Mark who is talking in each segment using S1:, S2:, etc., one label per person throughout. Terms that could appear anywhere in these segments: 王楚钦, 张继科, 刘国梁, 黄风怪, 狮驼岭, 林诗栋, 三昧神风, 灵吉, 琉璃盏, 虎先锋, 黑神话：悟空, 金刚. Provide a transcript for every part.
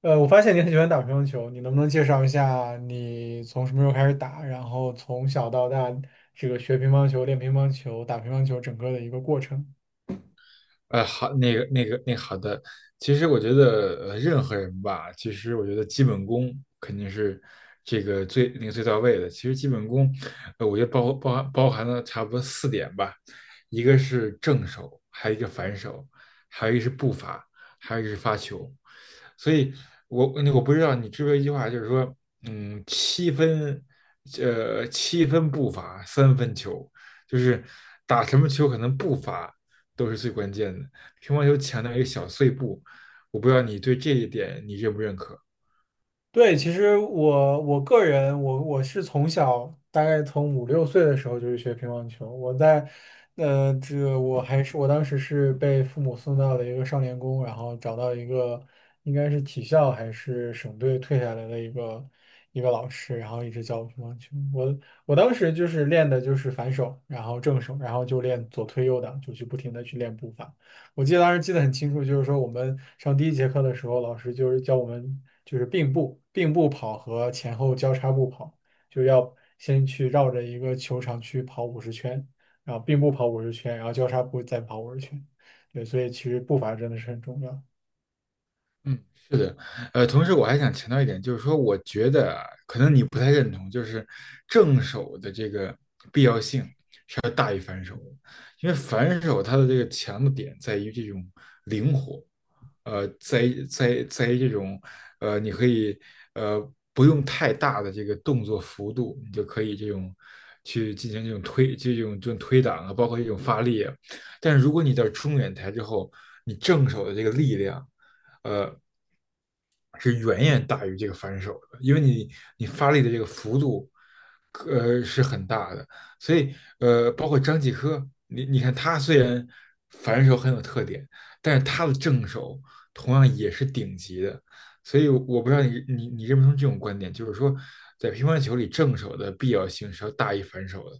S1: 我发现你很喜欢打乒乓球，你能不能介绍一下你从什么时候开始打，然后从小到大这个学乒乓球、练乒乓球、打乒乓球整个的一个过程？
S2: 好，那个那个那好的，其实我觉得任何人吧，其实我觉得基本功肯定是这个最那个最到位的。其实基本功，我觉得包含了差不多四点吧，一个是正手，还有一个反手，还有一个是步伐，还有一个是发球。所以我不知道你知不知道一句话，就是说，嗯，七分，七分步伐，三分球，就是打什么球可能步伐。都是最关键的。乒乓球强调一个小碎步，我不知道你对这一点你认不认可？
S1: 对，其实我个人，我是从小大概从五六岁的时候就是学乒乓球。我在，这个我还是我当时是被父母送到了一个少年宫，然后找到一个应该是体校还是省队退下来的一个老师，然后一直教我乒乓球。我我当时就是练的就是反手，然后正手，然后就练左推右挡，就去不停的去练步伐。我记得当时记得很清楚，就是说我们上第一节课的时候，老师就是教我们就是并步、并步跑和前后交叉步跑，就要先去绕着一个球场去跑五十圈，然后并步跑五十圈，然后交叉步再跑五十圈。对，所以其实步伐真的是很重要。
S2: 嗯同时我还想强调一点，就是说，我觉得啊可能你不太认同，就是正手的这个必要性。因为反手它的这个强的点在于这种灵活，在于这种你可以呃不用太大的这个动作幅度，你就可以这种去进行这种推这种推挡啊，包括这种发力啊。但是如果你到中远台之后，你正手的这个力量，呃，是远远大于这个反手的，因为你你发力的这个幅度，是很大的，所以包括张继科，你你看他虽然反手很有特点，但是他的正手同样也是顶级的，所以我不知道你你你认不认同这种观点，就是说在乒乓球里正手的必要性是要大于反手的。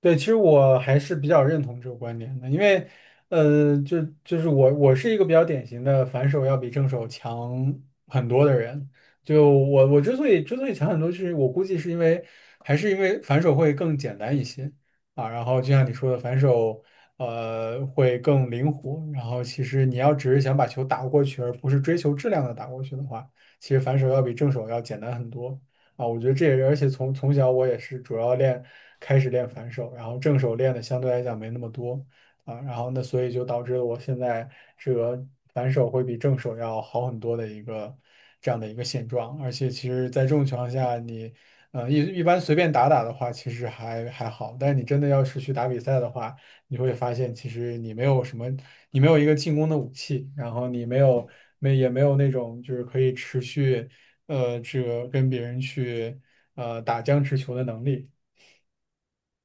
S1: 对，其实我还是比较认同这个观点的。因为，就是我是一个比较典型的反手要比正手强很多的人。就我之所以强很多，是我估计是因为还是因为反手会更简单一些啊。然后就像你说的，反手会更灵活。然后其实你要只是想把球打过去，而不是追求质量的打过去的话，其实反手要比正手要简单很多。啊，我觉得这也是，而且从从小我也是主要练，开始练反手，然后正手练的相对来讲没那么多啊。然后那所以就导致了我现在这个反手会比正手要好很多的一个这样的一个现状，而且其实在这种情况下你，一般随便打打的话，其实还好，但是你真的要是去打比赛的话，你会发现其实你没有什么，你没有一个进攻的武器，然后你没有那种就是可以持续这个跟别人去打僵持球的能力。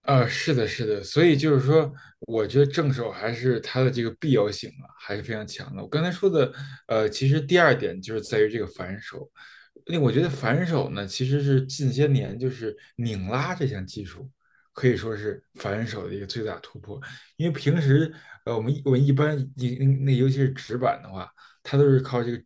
S2: 是的，是的，所以就是说，我觉得正手还是它的这个必要性啊，还是非常强的。我刚才说的，其实第二点就是在于这个反手，那我觉得反手呢，其实是近些年就是拧拉这项技术，可以说是反手的一个最大突破。因为平时我们一般一嗯那尤其是直板的话，它都是靠这个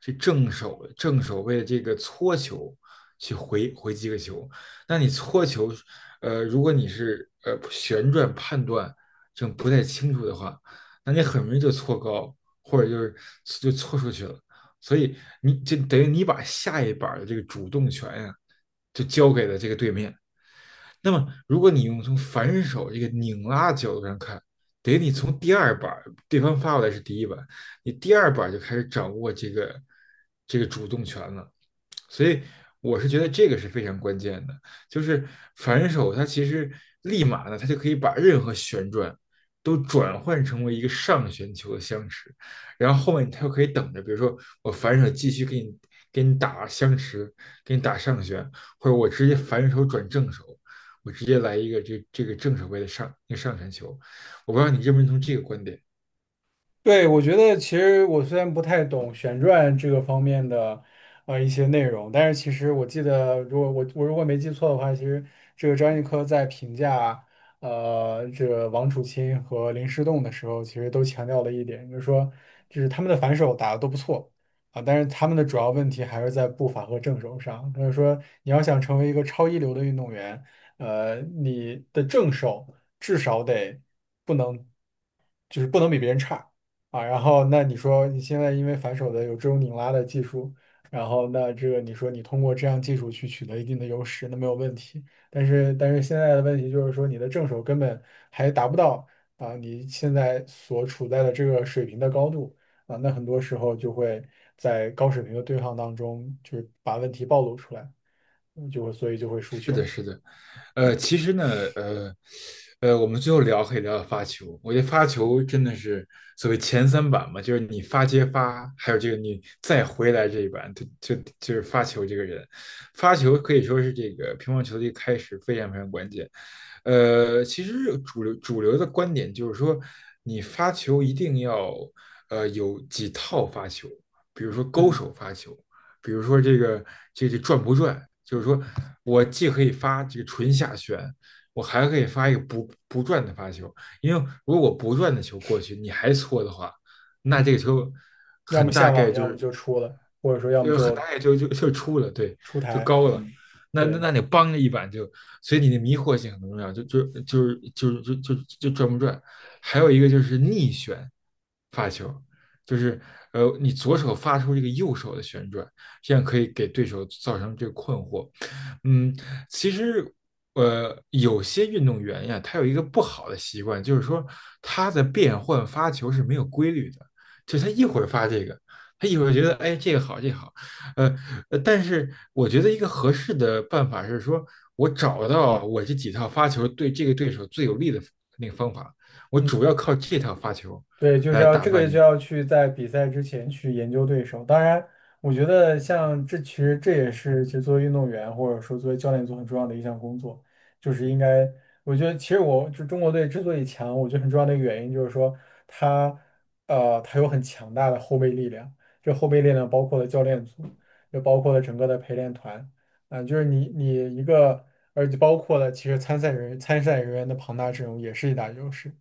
S2: 这正手为这个搓球去回击个球。那你搓球，如果你是旋转判断这种不太清楚的话，那你很容易就搓高，或者就是就搓出去了。所以你就等于你把下一板的这个主动权呀、啊就交给了这个对面。那么，如果你用从反手这个拧拉角度上看，等于你从第二板对方发过来是第一板，你第二板就开始掌握这个主动权了。所以我是觉得这个是非常关键的，就是反手它其实立马呢，它就可以把任何旋转都转换成为一个上旋球的相持，然后后面他又可以等着，比如说我反手继续给你给你打相持，给你打上旋，或者我直接反手转正手。我直接来一个这个正手位的上一个上旋球，我不知道你认不认同这个观点。
S1: 对，我觉得其实我虽然不太懂旋转这个方面的一些内容，但是其实我记得，如果我如果没记错的话，其实这个张继科在评价这个王楚钦和林诗栋的时候，其实都强调了一点，就是说就是他们的反手打得都不错啊，但是他们的主要问题还是在步伐和正手上。他就是说你要想成为一个超一流的运动员，你的正手至少得不能就是不能比别人差。啊，然后那你说你现在因为反手的有这种拧拉的技术，然后那这个你说你通过这样技术去取得一定的优势，那没有问题。但是现在的问题就是说你的正手根本还达不到啊你现在所处在的这个水平的高度啊，那很多时候就会在高水平的对抗当中，就是把问题暴露出来，所以就会输
S2: 是的，
S1: 球。
S2: 是的，呃，其实呢，呃，呃，我们最后聊可以聊聊发球，我觉得发球真的是所谓前三板嘛，就是你发接发，还有这个你再回来这一板，就就就是发球这个人，发球可以说是这个乒乓球的一个开始，非常非常关键。其实主流的观点就是说，你发球一定要有几套发球，比如说勾
S1: 嗯，
S2: 手发球。比如说这个、这转不转，就是说我既可以发这个纯下旋，我还可以发一个不转的发球，因为如果我不转的球过去，你还搓的话，那这个球
S1: 要么
S2: 很大
S1: 下
S2: 概
S1: 网，要
S2: 就
S1: 么
S2: 是
S1: 就出了，或者说要么
S2: 就很大
S1: 就
S2: 概就出了，对，
S1: 出
S2: 就
S1: 台。
S2: 高了。
S1: 嗯，
S2: 那那
S1: 对。
S2: 那你帮着一板就，所以你的迷惑性很重要，就转不转。还有一个就是逆旋发球，就是你左手发出这个右手的旋转，这样可以给对手造成这个困惑。嗯，其实有些运动员呀，他有一个不好的习惯，就是说他的变换发球是没有规律的，就他一会儿发这个，他一会儿觉得哎这个好这个好，呃，但是我觉得一个合适的办法是说，我找到我这几套发球对这个对手最有利的那个方法，我
S1: 嗯。
S2: 主要靠这套发球
S1: 对，就是
S2: 来
S1: 要
S2: 打
S1: 这
S2: 败
S1: 个就
S2: 你。
S1: 要去在比赛之前去研究对手。当然，我觉得像这其实这也是就作为运动员或者说作为教练组很重要的一项工作。就是应该我觉得其实我就中国队之所以强，我觉得很重要的一个原因就是说他他有很强大的后备力量，这后备力量包括了教练组，也包括了整个的陪练团啊、就是你你一个而且包括了其实参赛人员的庞大阵容也是一大优势。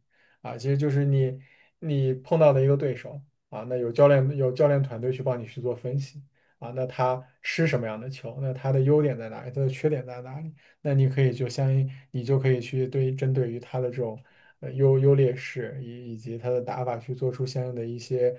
S1: 啊，其实就是你碰到的一个对手啊，那有教练团队去帮你去做分析啊，那他吃什么样的球，那他的优点在哪里，他的缺点在哪里，那你可以就相应你就可以去针对于他的这种优劣势以及他的打法去做出相应的一些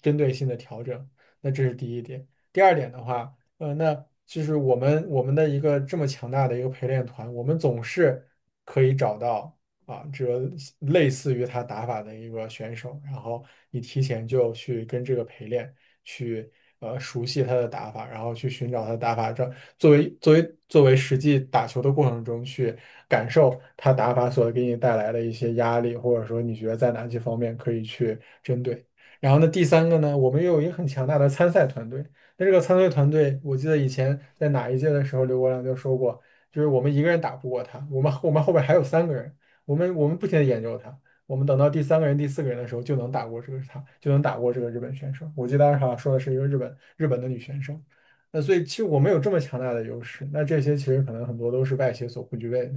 S1: 针对性的调整，那这是第一点。第二点的话，那就是我们的一个这么强大的一个陪练团，我们总是可以找到啊，这个类似于他打法的一个选手，然后你提前就去跟这个陪练，去熟悉他的打法，然后去寻找他的打法，这作为实际打球的过程中去感受他打法所给你带来的一些压力，或者说你觉得在哪些方面可以去针对。然后呢，第三个呢，我们又有一个很强大的参赛团队。那这个参赛团队，我记得以前在哪一届的时候，刘国梁就说过，就是我们一个人打不过他，我们后边还有三个人。我们不停的研究他，我们等到第三个人、第四个人的时候，就能打过这个他，就能打过这个日本选手。我记得当时好像说的是一个日本的女选手，那所以其实我们有这么强大的优势，那这些其实可能很多都是外协所不具备的。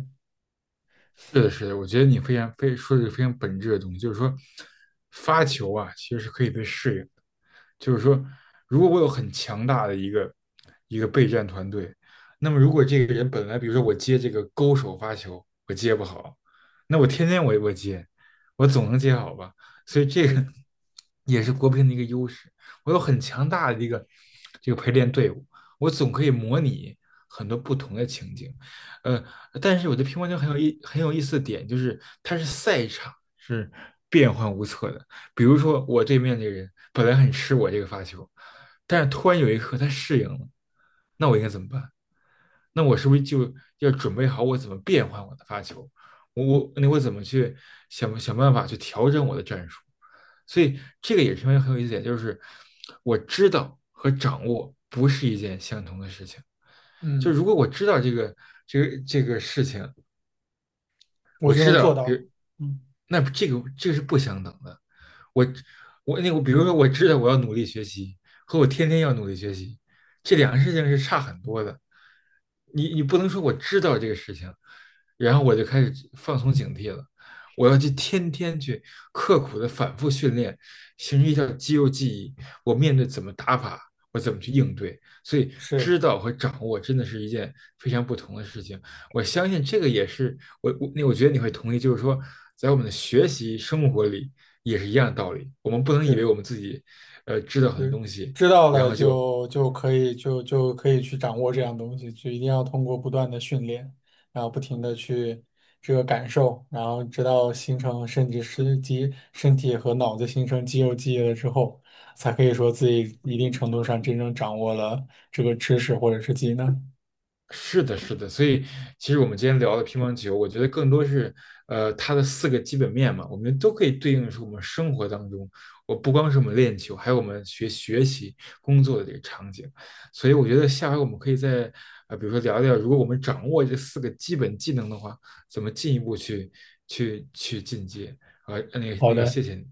S2: 是的，是的，我觉得你非常非说的是非常本质的东西，就是说，发球啊，其实是可以被适应的。就是说，如果我有很强大的一个备战团队，那么如果这个人本来，比如说我接这个勾手发球，我接不好，那我天天我接，我总能接好吧？所以这个
S1: 是的，
S2: 也是国乒的一个优势。我有很强大的一个这个陪练队伍，我总可以模拟很多不同的情景。呃，但是我觉得乒乓球很有意思的点就是它是赛场是变幻无测的。比如说我对面这个人本来很吃我这个发球，但是突然有一刻他适应了，那我应该怎么办？那我是不是就要准备好我怎么变换我的发球？我怎么去想办法去调整我的战术？所以这个也是因为很有意思的点，就是我知道和掌握不是一件相同的事情。就
S1: 嗯，
S2: 如果我知道这个这个事情，
S1: 我
S2: 我
S1: 就
S2: 知
S1: 能做
S2: 道，比如
S1: 到。嗯，
S2: 那这个是不相等的。我我那个，比如说我知道我要努力学习，和我天天要努力学习，这两个事情是差很多的。你你不能说我知道这个事情，然后我就开始放松警惕了。我要去天天去刻苦的反复训练，形成一条肌肉记忆。我面对怎么打法，我怎么去应对。所以，
S1: 是
S2: 知道和掌握真的是一件非常不同的事情。我相信这个也是我觉得你会同意，就是说，在我们的学习生活里也是一样的道理。我们不能
S1: 是
S2: 以为我
S1: 的。
S2: 们自己知道很
S1: 就
S2: 多东西，
S1: 知道
S2: 然
S1: 了
S2: 后就
S1: 就可以去掌握这样东西，就一定要通过不断的训练，然后不停的去这个感受，然后直到形成甚至是身体和脑子形成肌肉记忆了之后，才可以说自己一定程度上真正掌握了这个知识或者是技能。
S2: 是的，是的，所以其实我们今天聊的乒乓球，我觉得更多是它的四个基本面嘛，我们都可以对应是我们生活当中，我不光是我们练球，还有我们学习、工作的这个场景。所以我觉得下回我们可以再比如说聊聊，如果我们掌握这四个基本技能的话，怎么进一步去进阶啊、
S1: 好的。
S2: 谢谢你。